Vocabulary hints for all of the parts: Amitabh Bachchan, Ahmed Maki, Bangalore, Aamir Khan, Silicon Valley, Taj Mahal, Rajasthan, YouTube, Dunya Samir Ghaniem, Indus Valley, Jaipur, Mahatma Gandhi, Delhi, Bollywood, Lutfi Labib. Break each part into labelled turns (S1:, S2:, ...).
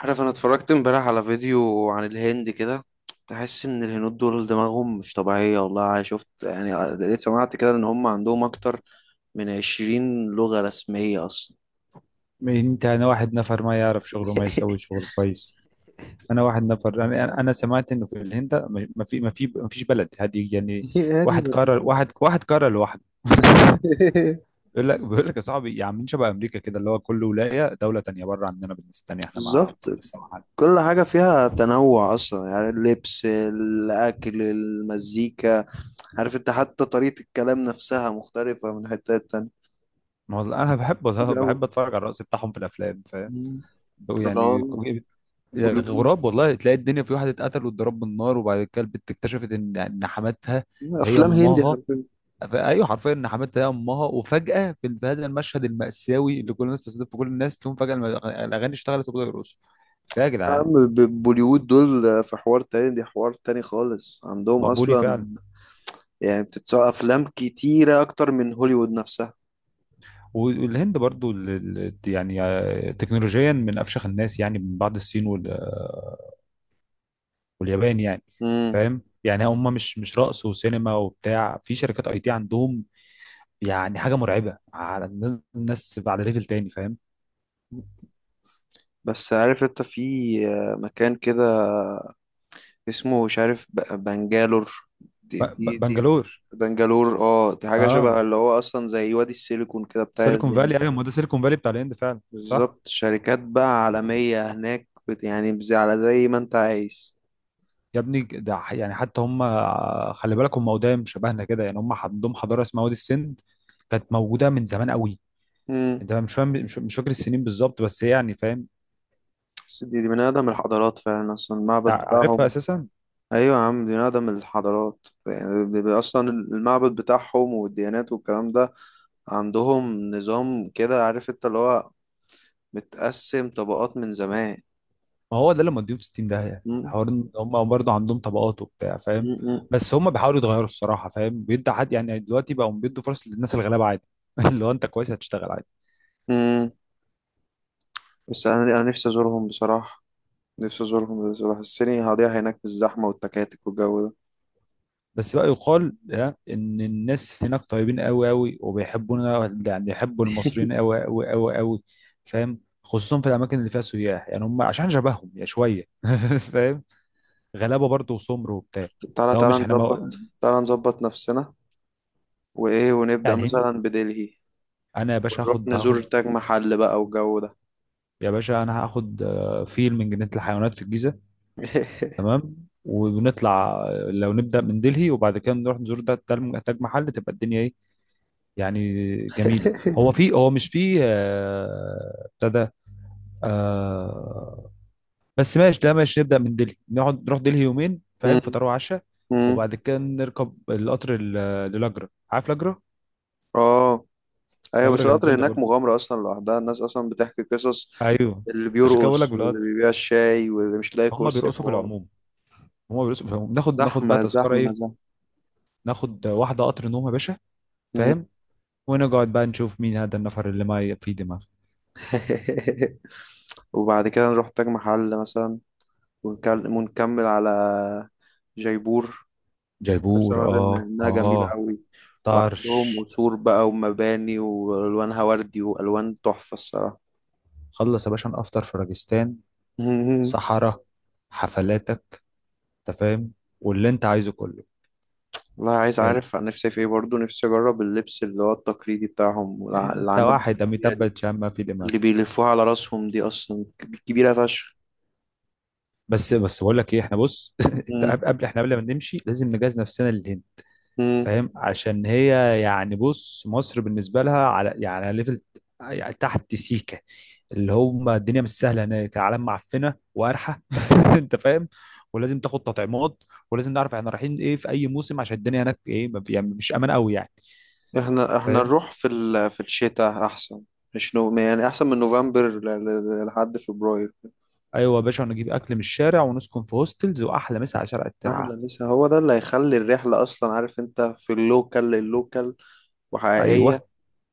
S1: عارف انا اتفرجت امبارح على فيديو عن الهند كده. تحس ان الهنود دول دماغهم مش طبيعية والله. أنا شفت يعني لقيت سمعت كده ان هم عندهم اكتر من 20 لغة رسمية اصلا.
S2: انت انا واحد نفر ما يعرف شغله ما يسوي شغل كويس. انا واحد نفر، انا سمعت انه في الهند ما فيش بلد هذه يعني.
S1: هادي
S2: واحد
S1: ما
S2: قرر،
S1: فيها.
S2: واحد قرر لوحده. بيقول لك يا صاحبي، يا عم، شبه امريكا كده اللي هو كل ولايه دوله تانيه بره عننا بالناس تانيه، احنا ما
S1: بالظبط.
S2: لسه ما حد.
S1: كل حاجة فيها تنوع اصلا، يعني اللبس الاكل المزيكا. عارف انت، حتى طريقة الكلام نفسها مختلفة من حتة تانية.
S2: ما هو انا بحب، والله
S1: كتير أوي.
S2: بحب اتفرج على الرقص بتاعهم في الافلام، فاهم؟
S1: مم.
S2: بقوا
S1: فاللي
S2: يعني
S1: هو
S2: كو-
S1: بوليوود،
S2: غراب، والله تلاقي الدنيا في واحد اتقتل واتضرب بالنار، وبعد كده البت اكتشفت ان حماتها هي
S1: افلام هندي.
S2: امها. ايوه حرفيا حماتها هي امها، وفجاه في هذا المشهد الماساوي اللي كل الناس بتستضيف في، كل الناس تقوم فجاه الاغاني اشتغلت وبداوا يرقصوا. فيا
S1: يا عم
S2: جدعان
S1: بوليوود دول، في حوار تاني، دي حوار تاني خالص عندهم
S2: مقبولي
S1: أصلا.
S2: فعلا.
S1: يعني بتتسوق أفلام كتيرة أكتر من هوليوود نفسها.
S2: والهند برضو تكنولوجيا من افشخ الناس، يعني من بعد الصين وال- آه، واليابان يعني.
S1: مم.
S2: فاهم؟ يعني هم مش رقص وسينما وبتاع، في شركات اي تي عندهم. يعني حاجه مرعبه، على الناس الناس على ليفل تاني، فاهم؟
S1: بس عارف أنت، في مكان كده اسمه مش عارف، بنجالور. دي
S2: ب-
S1: دي دي
S2: بنجلور،
S1: بنجالور، اه، دي حاجة شبه
S2: اه.
S1: اللي هو أصلا زي وادي السيليكون كده بتاع
S2: سيليكون
S1: الهند.
S2: فالي، ايوه، ما ده سيليكون فالي بتاع الهند فعلا، صح.
S1: بالظبط، شركات بقى عالمية هناك، على زي ما أنت عايز.
S2: يا ابني ده حتى هم، خلي بالك هم قدام شبهنا كده، يعني هم عندهم حضاره اسمها وادي السند، كانت موجوده من زمان قوي.
S1: مم.
S2: انت مش فاهم، مش فاكر السنين بالظبط بس هي يعني، فاهم؟
S1: بس دي من أقدم الحضارات فعلا، أصلا المعبد
S2: انت عارفها
S1: بتاعهم.
S2: اساسا.
S1: ايوه يا عم، دي نقدم الحضارات، يعني بيبقى اصلا المعبد بتاعهم والديانات والكلام ده. عندهم نظام كده، عارف انت اللي هو متقسم طبقات من زمان.
S2: ما هو ده اللي موديهم في 60، ده يعني
S1: مم.
S2: حوار إن هم برضه عندهم طبقات وبتاع، فاهم؟
S1: مم.
S2: بس هم بيحاولوا يتغيروا الصراحه، فاهم؟ بيدوا حد يعني، دلوقتي بقوا بيدوا فرص للناس الغلابه عادي. اللي هو انت كويس هتشتغل.
S1: مم. بس انا نفسي ازورهم بصراحه. نفسي ازورهم، بس بحسني هضيع هناك بالزحمه والتكاتك والجو ده.
S2: بس بقى يقال، ها، ان الناس هناك طيبين قوي قوي وبيحبونا، يعني يحبوا المصريين قوي قوي قوي قوي، فاهم؟ خصوصا في الاماكن اللي فيها سياح، يعني هم عشان شبههم يا شويه. فاهم؟ غلابه برضه وسمر وبتاع.
S1: تعالى
S2: لو
S1: تعالى
S2: مش احنا مو...
S1: نظبط، تعالى نظبط نفسنا. وايه،
S2: بتاع
S1: ونبدا
S2: الهند.
S1: مثلا بدلهي.
S2: انا يا باشا
S1: ونروح
S2: هاخد
S1: نزور
S2: هاخد
S1: تاج محل بقى والجو ده.
S2: يا باشا انا هاخد فيل من جنينه الحيوانات في الجيزه، تمام. ونطلع، لو نبدا من دلهي وبعد كده نروح نزور ده تاج محل، تبقى الدنيا ايه يعني؟ جميله. هو في، هو مش في، ابتدى، آه. بس ماشي، ده ماشي، نبدأ من دلهي، نقعد نروح دلهي يومين فاهم،
S1: مم.
S2: فطار وعشاء.
S1: مم.
S2: وبعد كده نركب القطر للاجرة، عارف لاجرة؟
S1: اه ايوه،
S2: لاجرة
S1: بس القطر
S2: جميلة
S1: هناك
S2: برضه،
S1: مغامرة اصلا لوحدها، الناس اصلا بتحكي قصص.
S2: ايوه.
S1: اللي
S2: عشان كده بقول لك
S1: بيرقص واللي
S2: بالقطر
S1: بيبيع الشاي واللي مش لاقي
S2: هم
S1: كرسي،
S2: بيرقصوا في
S1: حوار.
S2: العموم، هم بيرقصوا في العموم. ناخد بقى
S1: زحمة
S2: تذكرة
S1: زحمة
S2: ايه،
S1: زحمة.
S2: ناخد واحدة قطر نوم يا باشا،
S1: مم.
S2: فاهم؟ ونقعد بقى نشوف مين هذا النفر اللي ما في دماغ.
S1: وبعد كده نروح تاج محل مثلا، ونكمل على جيبور. أنا
S2: جيبور،
S1: سمعت
S2: اه
S1: إنها جميلة
S2: اه،
S1: أوي. وعندهم
S2: طرش.
S1: قصور بقى ومباني وألوانها وردي وألوان تحفة الصراحة.
S2: خلص يا باشا نفطر في راجستان،
S1: مم.
S2: صحراء، حفلاتك، انت فاهم، واللي انت عايزه كله.
S1: والله عايز
S2: ال-
S1: أعرف عن نفسي في إيه برضه، نفسي أجرب اللبس اللي هو التقليدي بتاعهم،
S2: انت
S1: العمامة
S2: واحد اميتاب
S1: الكبيرة
S2: باتشان ما في دماغ.
S1: اللي بيلفوها على راسهم، دي اصلا كبيرة فشخ.
S2: بس بقول لك ايه، احنا بص، انت
S1: مم.
S2: احنا قبل ما نمشي لازم نجهز نفسنا للهند،
S1: مم.
S2: فاهم؟ عشان هي يعني بص، مصر بالنسبه لها على، يعني على ليفل، يعني تحت سيكه، اللي هم الدنيا مش سهله هناك، العالم معفنه وقرحه. انت فاهم؟ ولازم تاخد تطعيمات، ولازم نعرف احنا رايحين ايه في اي موسم، عشان الدنيا هناك ايه ما في- يعني مش امان قوي يعني،
S1: احنا
S2: فاهم؟
S1: نروح في في الشتاء احسن. مش نو... يعني احسن من نوفمبر لحد فبراير.
S2: ايوه يا باشا، ونجيب اكل من الشارع ونسكن في هوستلز، واحلى مسا على شارع الترعه،
S1: احلى، لسه هو ده اللي هيخلي الرحلة اصلا، عارف انت، في اللوكال اللوكال
S2: ايوه.
S1: وحقيقية.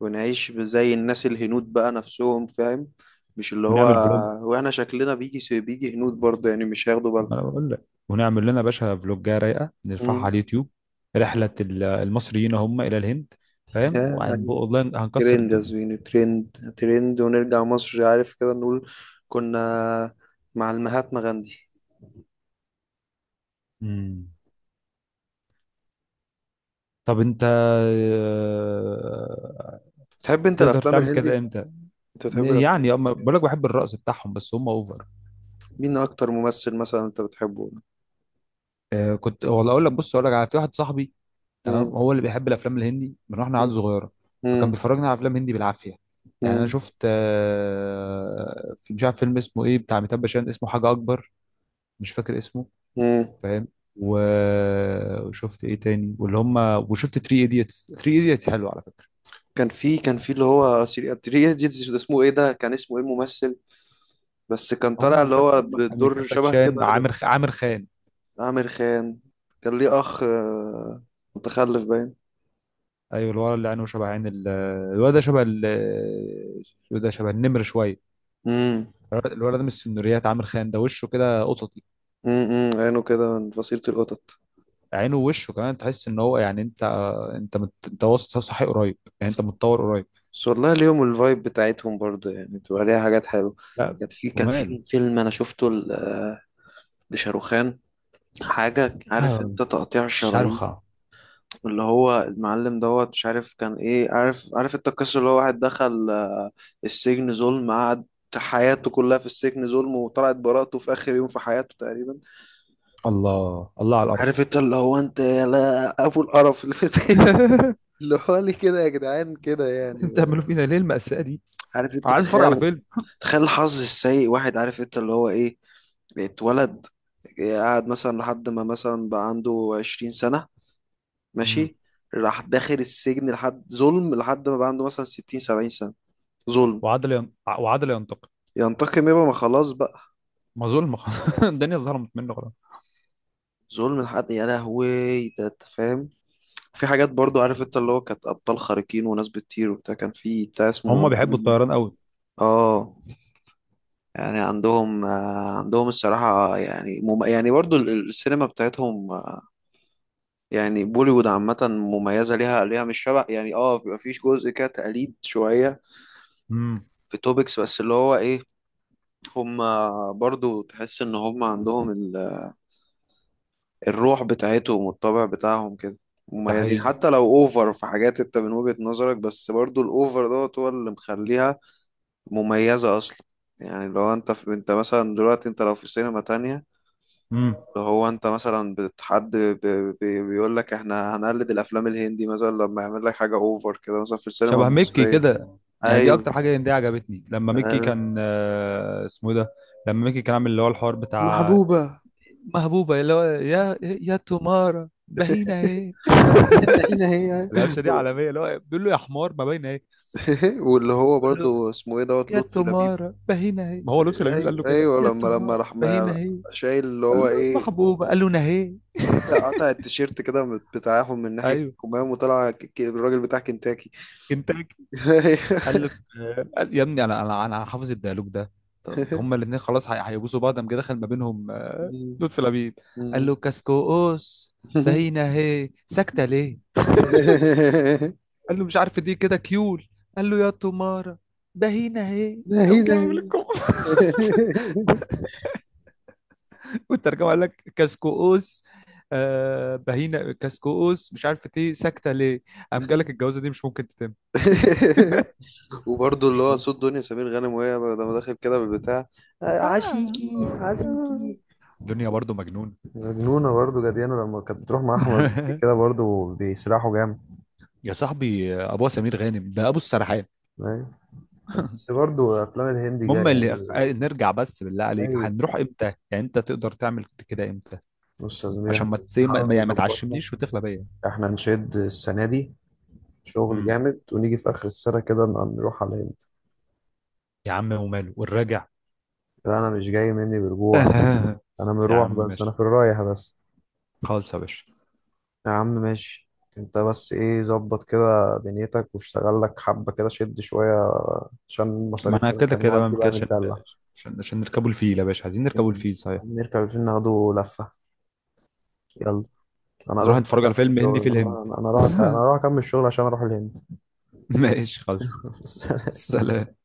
S1: ونعيش زي الناس الهنود بقى نفسهم، فاهم، مش اللي
S2: ونعمل
S1: هو.
S2: فلوج.
S1: واحنا شكلنا بيجي هنود برضه يعني مش هياخدوا بالهم.
S2: انا بقول لك، ونعمل لنا باشا فلوجة رايقه نرفعها على
S1: مم.
S2: اليوتيوب، رحله المصريين هم الى الهند، فاهم؟ وهنبقى والله هنكسر
S1: ترند يا
S2: الدنيا.
S1: زويني، ترند ترند، ونرجع مصر عارف كده نقول كنا مع المهاتما غاندي.
S2: مم. طب انت،
S1: بتحب انت
S2: تقدر
S1: الافلام
S2: تعمل كده
S1: الهندي؟
S2: امتى؟
S1: انت بتحب
S2: يعني
S1: الافلام؟
S2: اما بقول لك بحب الرقص بتاعهم بس هم اوفر.
S1: مين اكتر ممثل مثلا انت بتحبه؟
S2: كنت والله اقول لك، بص اقول لك على، في واحد صاحبي تمام،
S1: مم.
S2: هو اللي بيحب الافلام الهندي من واحنا عيال صغيره، فكان
S1: مم.
S2: بيفرجنا على افلام هندي بالعافيه. يعني انا
S1: مم.
S2: شفت، مش عارف فيلم اسمه ايه بتاع ميتاب باشان، اسمه حاجه اكبر، مش فاكر اسمه،
S1: مم.
S2: فاهم؟ وشفت ايه تاني واللي هم، وشفت 3 ايديتس، 3 ايديتس حلو على فكره.
S1: كان في اللي هو سيري، ده اسمه ايه، ده كان اسمه ايه الممثل. بس كان
S2: هم
S1: طالع اللي
S2: مش عارف،
S1: هو
S2: هم
S1: بالدور
S2: اميتاب
S1: شبه كده
S2: باتشان،
S1: رضا كده.
S2: عامر خان.
S1: عامر خان كان ليه اخ متخلف باين.
S2: ايوه الولد اللي عينه شبه عين الولد ده شبه الولد ده شبه النمر شويه،
S1: امم.
S2: الولد ده من السنوريات. عامر خان ده وشه كده قططي،
S1: عينه كده من فصيلة القطط.
S2: عينه ووشه كمان، تحس ان هو يعني انت، انت وسط صحي قريب، يعني انت متطور قريب.
S1: بس والله اليوم الفايب بتاعتهم برضه يعني بتبقى ليها حاجات حلوة.
S2: لا
S1: كان في كان
S2: وماله.
S1: في فيلم أنا شفته لشاروخان، حاجة عارف
S2: آه،
S1: أنت تقطيع الشرايين.
S2: شرخة.
S1: اللي هو المعلم دوت، مش عارف كان إيه، عارف أنت القصة، اللي هو واحد دخل السجن ظلم، قعد حياته كلها في السجن ظلم، وطلعت براءته في آخر يوم في حياته تقريبا.
S2: الله الله على
S1: عارف
S2: القرف.
S1: أنت اللي هو أنت يا لا أبو القرف اللي في. اللي هو لي كده يا جدعان كده يعني.
S2: انتوا بتعملوا فينا ليه المأساة دي؟
S1: عارف أنت،
S2: انا عايز اتفرج على
S1: تخيل،
S2: فيلم.
S1: الحظ السيء، واحد عارف انت اللي هو ايه، اتولد، قاعد مثلا لحد ما مثلا بقى عنده 20 سنة.
S2: مم.
S1: ماشي. راح داخل السجن لحد ظلم، لحد ما بقى عنده مثلا 60 70 سنة ظلم.
S2: وعدل ينتقم.
S1: ينتقم، يبقى ما خلاص بقى.
S2: ما ظلم خلاص. الدنيا ظلمت منه خلاص.
S1: ظلم لحد، يا لهوي. ده انت فاهم. في حاجات برضو عارف انت اللي هو كانت أبطال خارقين وناس بتطير وبتاع، كان في بتاع
S2: هم
S1: اسمه
S2: بيحبوا الطيران قوي.
S1: اه. يعني عندهم، عندهم الصراحة، يعني يعني برضو السينما بتاعتهم، يعني بوليوود عامة مميزة، ليها مش شبه يعني، اه بيبقى فيش جزء كده تقليد شوية
S2: امم.
S1: في توبكس، بس اللي هو ايه. هما برضو تحس ان هما عندهم الروح بتاعتهم والطبع بتاعهم كده
S2: ده
S1: مميزين.
S2: حقيقي.
S1: حتى لو اوفر في حاجات انت من وجهة نظرك، بس برضو الاوفر دوت هو اللي مخليها مميزة اصلا. يعني لو انت في، انت مثلا دلوقتي انت لو في سينما تانية،
S2: امم.
S1: اللي هو انت مثلا بيقول لك احنا هنقلد الافلام الهندي، مثلا لما يعمل لك حاجه اوفر كده مثلا في السينما
S2: شبه ميكي
S1: المصريه.
S2: كده. يعني دي
S1: ايوه.
S2: اكتر حاجه دي عجبتني، لما ميكي
S1: آه،
S2: كان، اسمه إيه ده، لما ميكي كان عامل اللي هو الحوار بتاع
S1: محبوبة.
S2: محبوبه، اللي هو يا تمارة باهينه ايه.
S1: هنا هي.
S2: القفشه دي عالميه، اللي هو بيقول له يا حمار ما باينه ايه.
S1: واللي هو
S2: بيقول له
S1: برضو اسمه ايه دوت
S2: يا
S1: لطفي لبيب.
S2: تمارة باهينه ايه، ما هو لطفي لبيب اللي قال له
S1: ايوه
S2: كده
S1: ايوه،
S2: يا
S1: لما
S2: تمارة
S1: راح
S2: باهينه ايه.
S1: شايل اللي هو
S2: قال له
S1: ايه،
S2: محبوبة قال له نهي.
S1: قطع قطع التيشيرت كده بتاعهم من ناحيه
S2: ايوه
S1: الكمام، وطلع الراجل بتاع كنتاكي.
S2: كنتاكي. قال له، يا ابني انا، انا حافظ الديالوج ده. طب هما الاثنين خلاص، هيبوسوا بعض، قام جه دخل ما بينهم، لطفي لبيب، قال له كاسكوس
S1: أيوة.
S2: بهينا هي ساكتة ليه. قال له مش عارف دي كده كيول. قال له يا تمارة بهينا هي،
S1: ناهي
S2: قام جه عامل
S1: ناهي.
S2: الكم. والترجمة قال لك كاسكوس، آه بهينا كاسكوس مش عارف ايه ساكتة ليه، قام جالك الجوازة دي مش ممكن تتم.
S1: وبرضه اللي
S2: مش،
S1: هو صوت دنيا سمير غانم وهي لما داخل كده بالبتاع،
S2: آه.
S1: عشيكي عشيكي.
S2: دنيا برضو مجنون.
S1: مجنونة برضه، جديانة لما كانت بتروح مع أحمد مكي كده برضه بيسرحوا جامد.
S2: يا صاحبي ابو سمير غانم ده ابو السرحان.
S1: أيوة. بس برضه أفلام الهندي جاية
S2: المهم اللي
S1: يعني.
S2: نرجع، بس بالله عليك
S1: أي.
S2: هنروح امتى؟ يعني انت تقدر تعمل كده امتى؟
S1: بص يا زميلي، احنا
S2: عشان ما تسي،
S1: بنحاول
S2: ما يعني ما
S1: نظبطها.
S2: تعشمنيش وتغلى بيا.
S1: احنا نشد السنة دي شغل
S2: امم.
S1: جامد ونيجي في آخر السنة كده نروح على الهند.
S2: يا عم وماله والراجع.
S1: لا أنا مش جاي مني بالجوع. أنا
S2: يا
S1: مروح
S2: عم
S1: بس، أنا
S2: ماشي،
S1: في الرايح بس.
S2: خالص يا باشا.
S1: يا عم ماشي. انت بس ايه، ظبط كده دنيتك واشتغل لك حبة كده، شد شوية عشان
S2: ما انا
S1: المصاريف هنا
S2: كده
S1: كان
S2: كده
S1: نودي
S2: بقى كده،
S1: بقى نتدلع.
S2: عشان نركبوا الفيل يا باشا، عايزين نركبوا
S1: يلا،
S2: الفيل صحيح.
S1: عايزين نركب الفيلم ناخده لفة. يلا. انا اروح
S2: نروح
S1: بقى
S2: نتفرج على
S1: اكمل
S2: فيلم
S1: الشغل،
S2: هندي في الهند.
S1: انا اروح، انا اروح اكمل الشغل عشان اروح الهند.
S2: ماشي خالص، سلام.